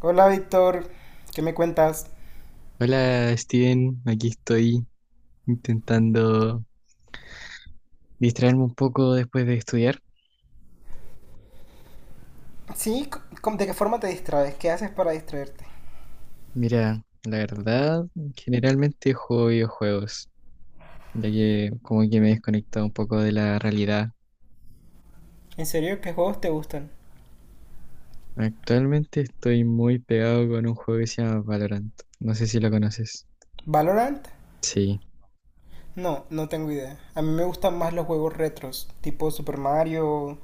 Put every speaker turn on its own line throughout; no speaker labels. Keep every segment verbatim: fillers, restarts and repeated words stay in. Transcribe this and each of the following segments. Hola Víctor, ¿qué me cuentas?
Hola Steven, aquí estoy intentando distraerme un poco después de estudiar.
Sí, ¿cómo- de qué forma te distraes? ¿Qué haces para distraerte?
Mira, la verdad, generalmente juego videojuegos, ya que como que me he desconectado un poco de la realidad.
¿En serio qué juegos te gustan?
Actualmente estoy muy pegado con un juego que se llama Valorant. No sé si lo conoces.
¿Valorant?
Sí,
No, no tengo idea. A mí me gustan más los juegos retros, tipo Super Mario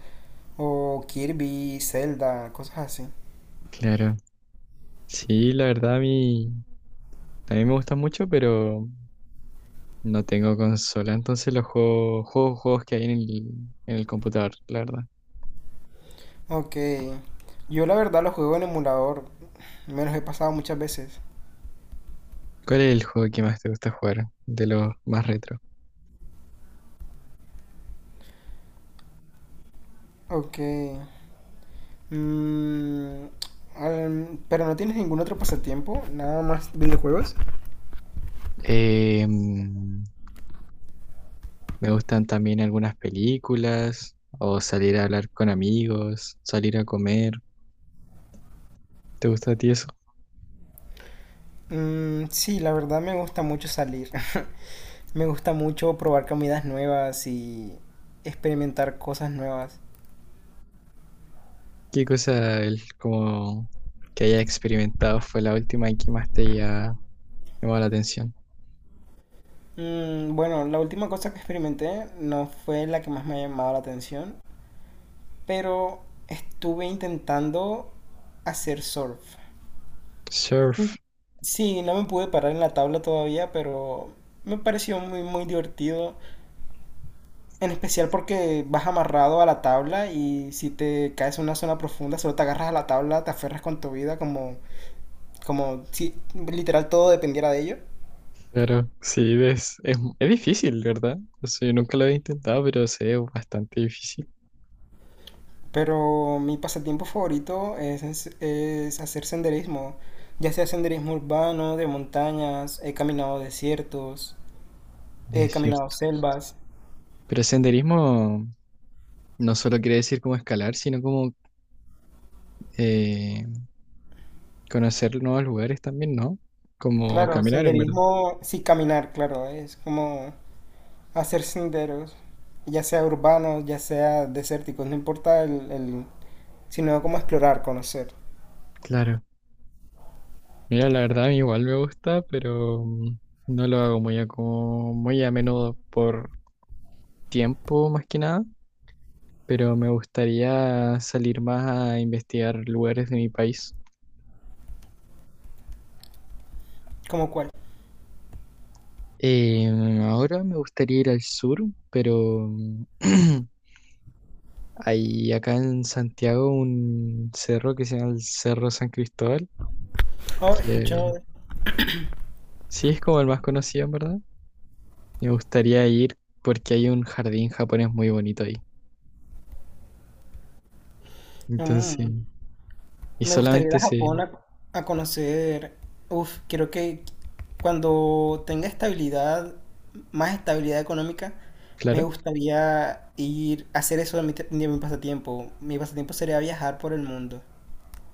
o Kirby, Zelda, cosas así.
claro. Sí, la verdad a mí también me gusta mucho, pero no tengo consola, entonces los juego, juego juegos que hay en el, en el computador, la verdad.
Ok, yo la verdad los juego en emulador, me los he pasado muchas veces.
¿Cuál es el juego que más te gusta jugar? De los más retro.
Ok, mm, al- pero no tienes ningún otro pasatiempo, nada más videojuegos.
Eh, mm, Me gustan también algunas películas, o salir a hablar con amigos, salir a comer. ¿Te gusta a ti eso?
Mm, sí, la verdad me gusta mucho salir. Me gusta mucho probar comidas nuevas y experimentar cosas nuevas.
¿Qué cosa el, como que haya experimentado fue la última y que más te haya llamado la atención?
Mm, bueno, la última cosa que experimenté no fue la que más me ha llamado la atención, pero estuve intentando hacer surf.
Surf,
Sí, no me pude parar en la tabla todavía, pero me pareció muy, muy divertido. En especial porque vas amarrado a la tabla y si te caes en una zona profunda, solo te agarras a la tabla, te aferras con tu vida como como si literal todo dependiera de ello.
claro, sí, ves, es, es difícil, ¿verdad? O sea, yo nunca lo he intentado, pero sé, es bastante difícil.
Pero mi pasatiempo favorito es, es, es hacer senderismo. Ya sea senderismo urbano, de montañas, he caminado desiertos,
De
he caminado
cierto.
selvas.
Pero senderismo no solo quiere decir como escalar, sino como eh, conocer nuevos lugares también, ¿no? Como
Claro,
caminar, en verdad.
senderismo, sí, caminar, claro, es como hacer senderos, ya sea urbanos, ya sea desérticos, no importa el, el- sino como explorar, conocer.
Claro. Mira, la verdad a mí igual me gusta, pero mm, no lo hago muy a, como, muy a menudo por tiempo más que nada, pero me gustaría salir más a investigar lugares de mi país.
¿Como cuál?
Eh, Ahora me gustaría ir al sur, pero mm, hay acá en Santiago un cerro que se llama el Cerro San Cristóbal,
Oh, he
que
escuchado.
sí es como el más conocido, en verdad. Me gustaría ir porque hay un jardín japonés muy bonito ahí. Entonces,
Mm.
y
Me gustaría ir
solamente
a
se,
Japón a, a conocer. Uf, creo que cuando tenga estabilidad, más estabilidad económica, me
claro,
gustaría ir a hacer eso de mi, te- de mi pasatiempo. Mi pasatiempo sería viajar por el mundo.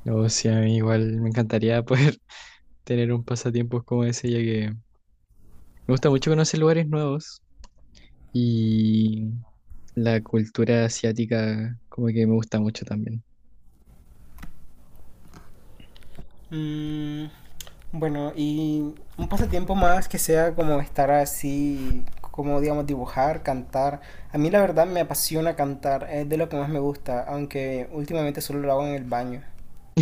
o sea, a mí igual me encantaría poder tener un pasatiempo como ese, ya que me gusta mucho conocer lugares nuevos y la cultura asiática como que me gusta mucho también.
Mm, bueno, y un pasatiempo más que sea como estar así, como digamos dibujar, cantar. A mí la verdad me apasiona cantar, es de lo que más me gusta, aunque últimamente solo lo hago en el baño.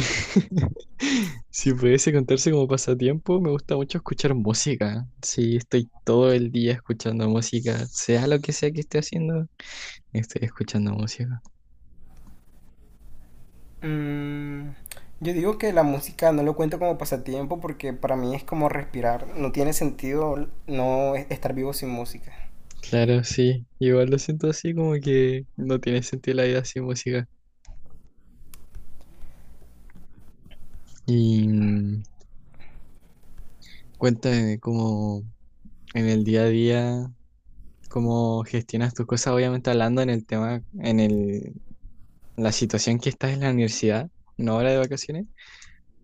Si pudiese contarse como pasatiempo, me gusta mucho escuchar música. Sí, estoy todo el día escuchando música, sea lo que sea que esté haciendo, estoy escuchando música.
Mm, yo digo que la música no lo cuento como pasatiempo porque para mí es como respirar. No tiene sentido no e- estar vivo sin música.
Claro, sí. Igual lo siento así como que no tiene sentido la vida sin música. Y mm, cuéntame cómo en el día a día, cómo gestionas tus cosas, obviamente hablando en el tema, en el, la situación que estás en la universidad, no ahora de vacaciones,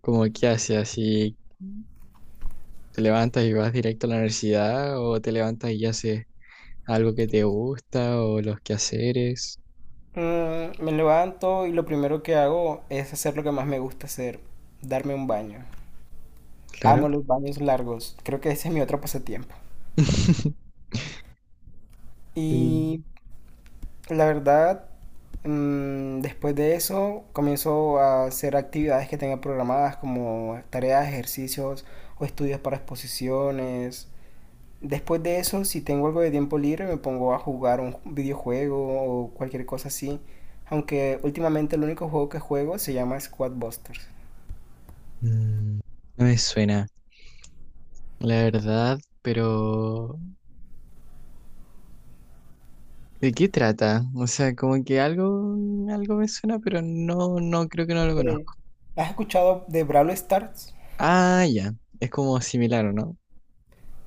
como qué haces, así te levantas y vas directo a la universidad o te levantas y haces algo que te gusta o los quehaceres,
Mm, me levanto y lo primero que hago es hacer lo que más me gusta hacer, darme un baño.
claro.
Amo los baños largos. Creo que ese es mi otro pasatiempo. Y
Mm.
la verdad, mm, después de eso comienzo a hacer actividades que tenga programadas como tareas, ejercicios o estudios para exposiciones. Después de eso, si tengo algo de tiempo libre, me pongo a jugar un videojuego o cualquier cosa así. Aunque últimamente el único juego que juego se llama Squad Busters.
Mm, no me suena. La verdad, pero ¿de qué trata? O sea, como que algo, algo me suena, pero no, no creo que no lo
Ok.
conozco.
¿Has escuchado de Brawl Stars?
Ah, ya, es como similar, ¿o no?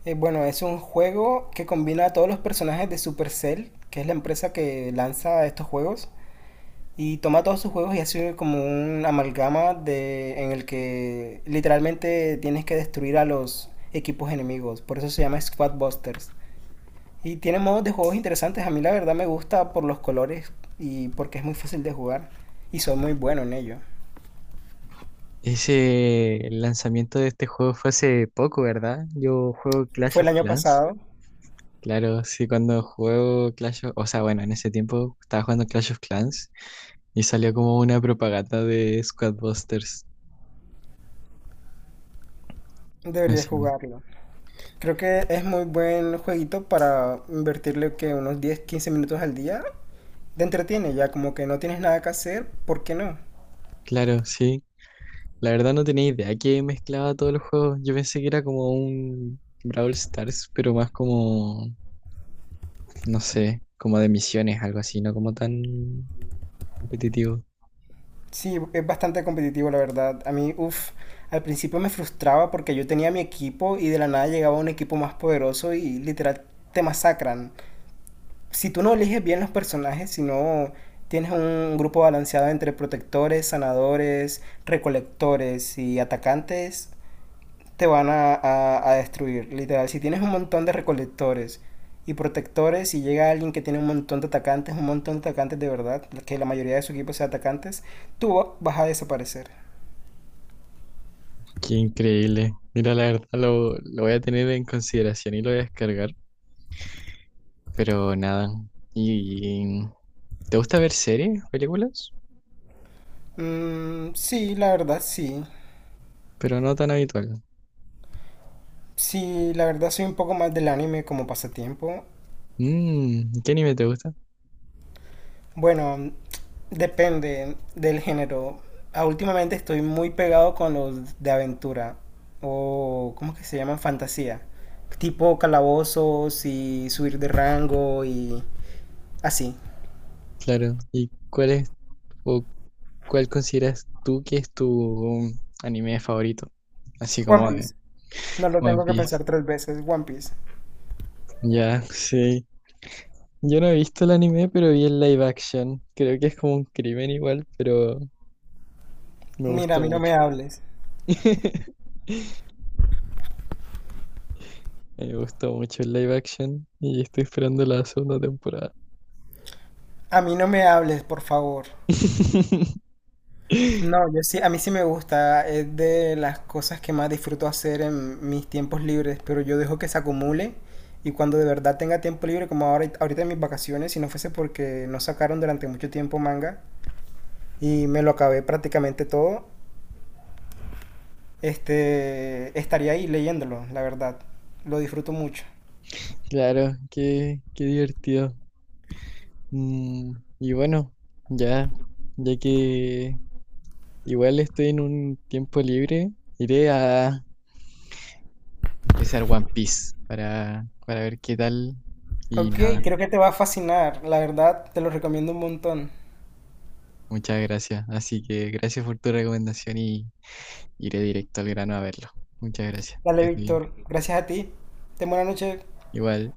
Eh, bueno, es un juego que combina a todos los personajes de Supercell, que es la empresa que lanza estos juegos, y toma todos sus juegos y hace como un amalgama de, en el que literalmente tienes que destruir a los equipos enemigos. Por eso se llama Squad Busters. Y tiene modos de juegos interesantes. A mí la verdad me gusta por los colores y porque es muy fácil de jugar. Y soy muy bueno en ello.
Ese el lanzamiento de este juego fue hace poco, ¿verdad? Yo juego Clash
Fue el
of
año
Clans.
pasado.
Claro, sí, cuando juego Clash of... O sea, bueno, en ese tiempo estaba jugando Clash of Clans y salió como una propaganda de Squad Busters.
Debería
Así.
jugarlo. Creo que es muy buen jueguito para invertirle que unos diez, quince minutos al día. Te entretiene ya, como que no tienes nada que hacer, ¿por qué no?
Claro, sí, la verdad no tenía idea que mezclaba todos los juegos. Yo pensé que era como un Brawl Stars, pero más como, no sé, como de misiones, algo así, no como tan competitivo.
Sí, es bastante competitivo, la verdad. A mí, uff, al principio me frustraba porque yo tenía mi equipo y de la nada llegaba un equipo más poderoso y literal te masacran. Si tú no eliges bien los personajes, si no tienes un grupo balanceado entre protectores, sanadores, recolectores y atacantes, te van a, a- a destruir. Literal, si tienes un montón de recolectores y protectores y llega alguien que tiene un montón de atacantes, un montón de atacantes de verdad, que la mayoría de su equipo sea atacantes, tú vas a desaparecer.
Qué increíble. Mira, la verdad lo, lo voy a tener en consideración y lo voy a descargar, pero nada. ¿Y te gusta ver series, películas?
Mm, sí, la verdad sí.
Pero no tan habitual.
Sí, la verdad soy un poco más del anime como pasatiempo.
Mm, ¿qué anime te gusta?
Bueno, depende del género. Ah, últimamente estoy muy pegado con los de aventura o ¿cómo que se llaman? Fantasía. Tipo calabozos y subir de rango y así.
Claro. ¿Y cuál es o cuál consideras tú que es tu anime favorito? Así
One
como de
Piece. No lo
One
tengo que
Piece.
pensar tres veces. One Piece.
Ya, sí. Yo no he visto el anime, pero vi el live action. Creo que es como un crimen igual, pero me
Mira, a
gustó
mí no me
mucho.
hables.
Me gustó mucho el live action y estoy esperando la segunda temporada.
A mí no me hables, por favor. No, yo sí, a mí sí me gusta, es de las cosas que más disfruto hacer en mis tiempos libres, pero yo dejo que se acumule y cuando de verdad tenga tiempo libre, como ahora, ahorita en mis vacaciones, si no fuese porque no sacaron durante mucho tiempo manga y me lo acabé prácticamente todo, este, estaría ahí leyéndolo, la verdad, lo disfruto mucho.
Claro, qué, qué divertido. Mm, y bueno, ya, ya que igual estoy en un tiempo libre, iré a empezar One Piece para, para ver qué tal y
Ok,
nada.
creo que te va a fascinar, la verdad, te lo recomiendo un montón.
Muchas gracias. Así que gracias por tu recomendación y iré directo al grano a verlo. Muchas gracias. Que
Dale,
esté bien.
Víctor, gracias a ti, ten buena noche.
Igual.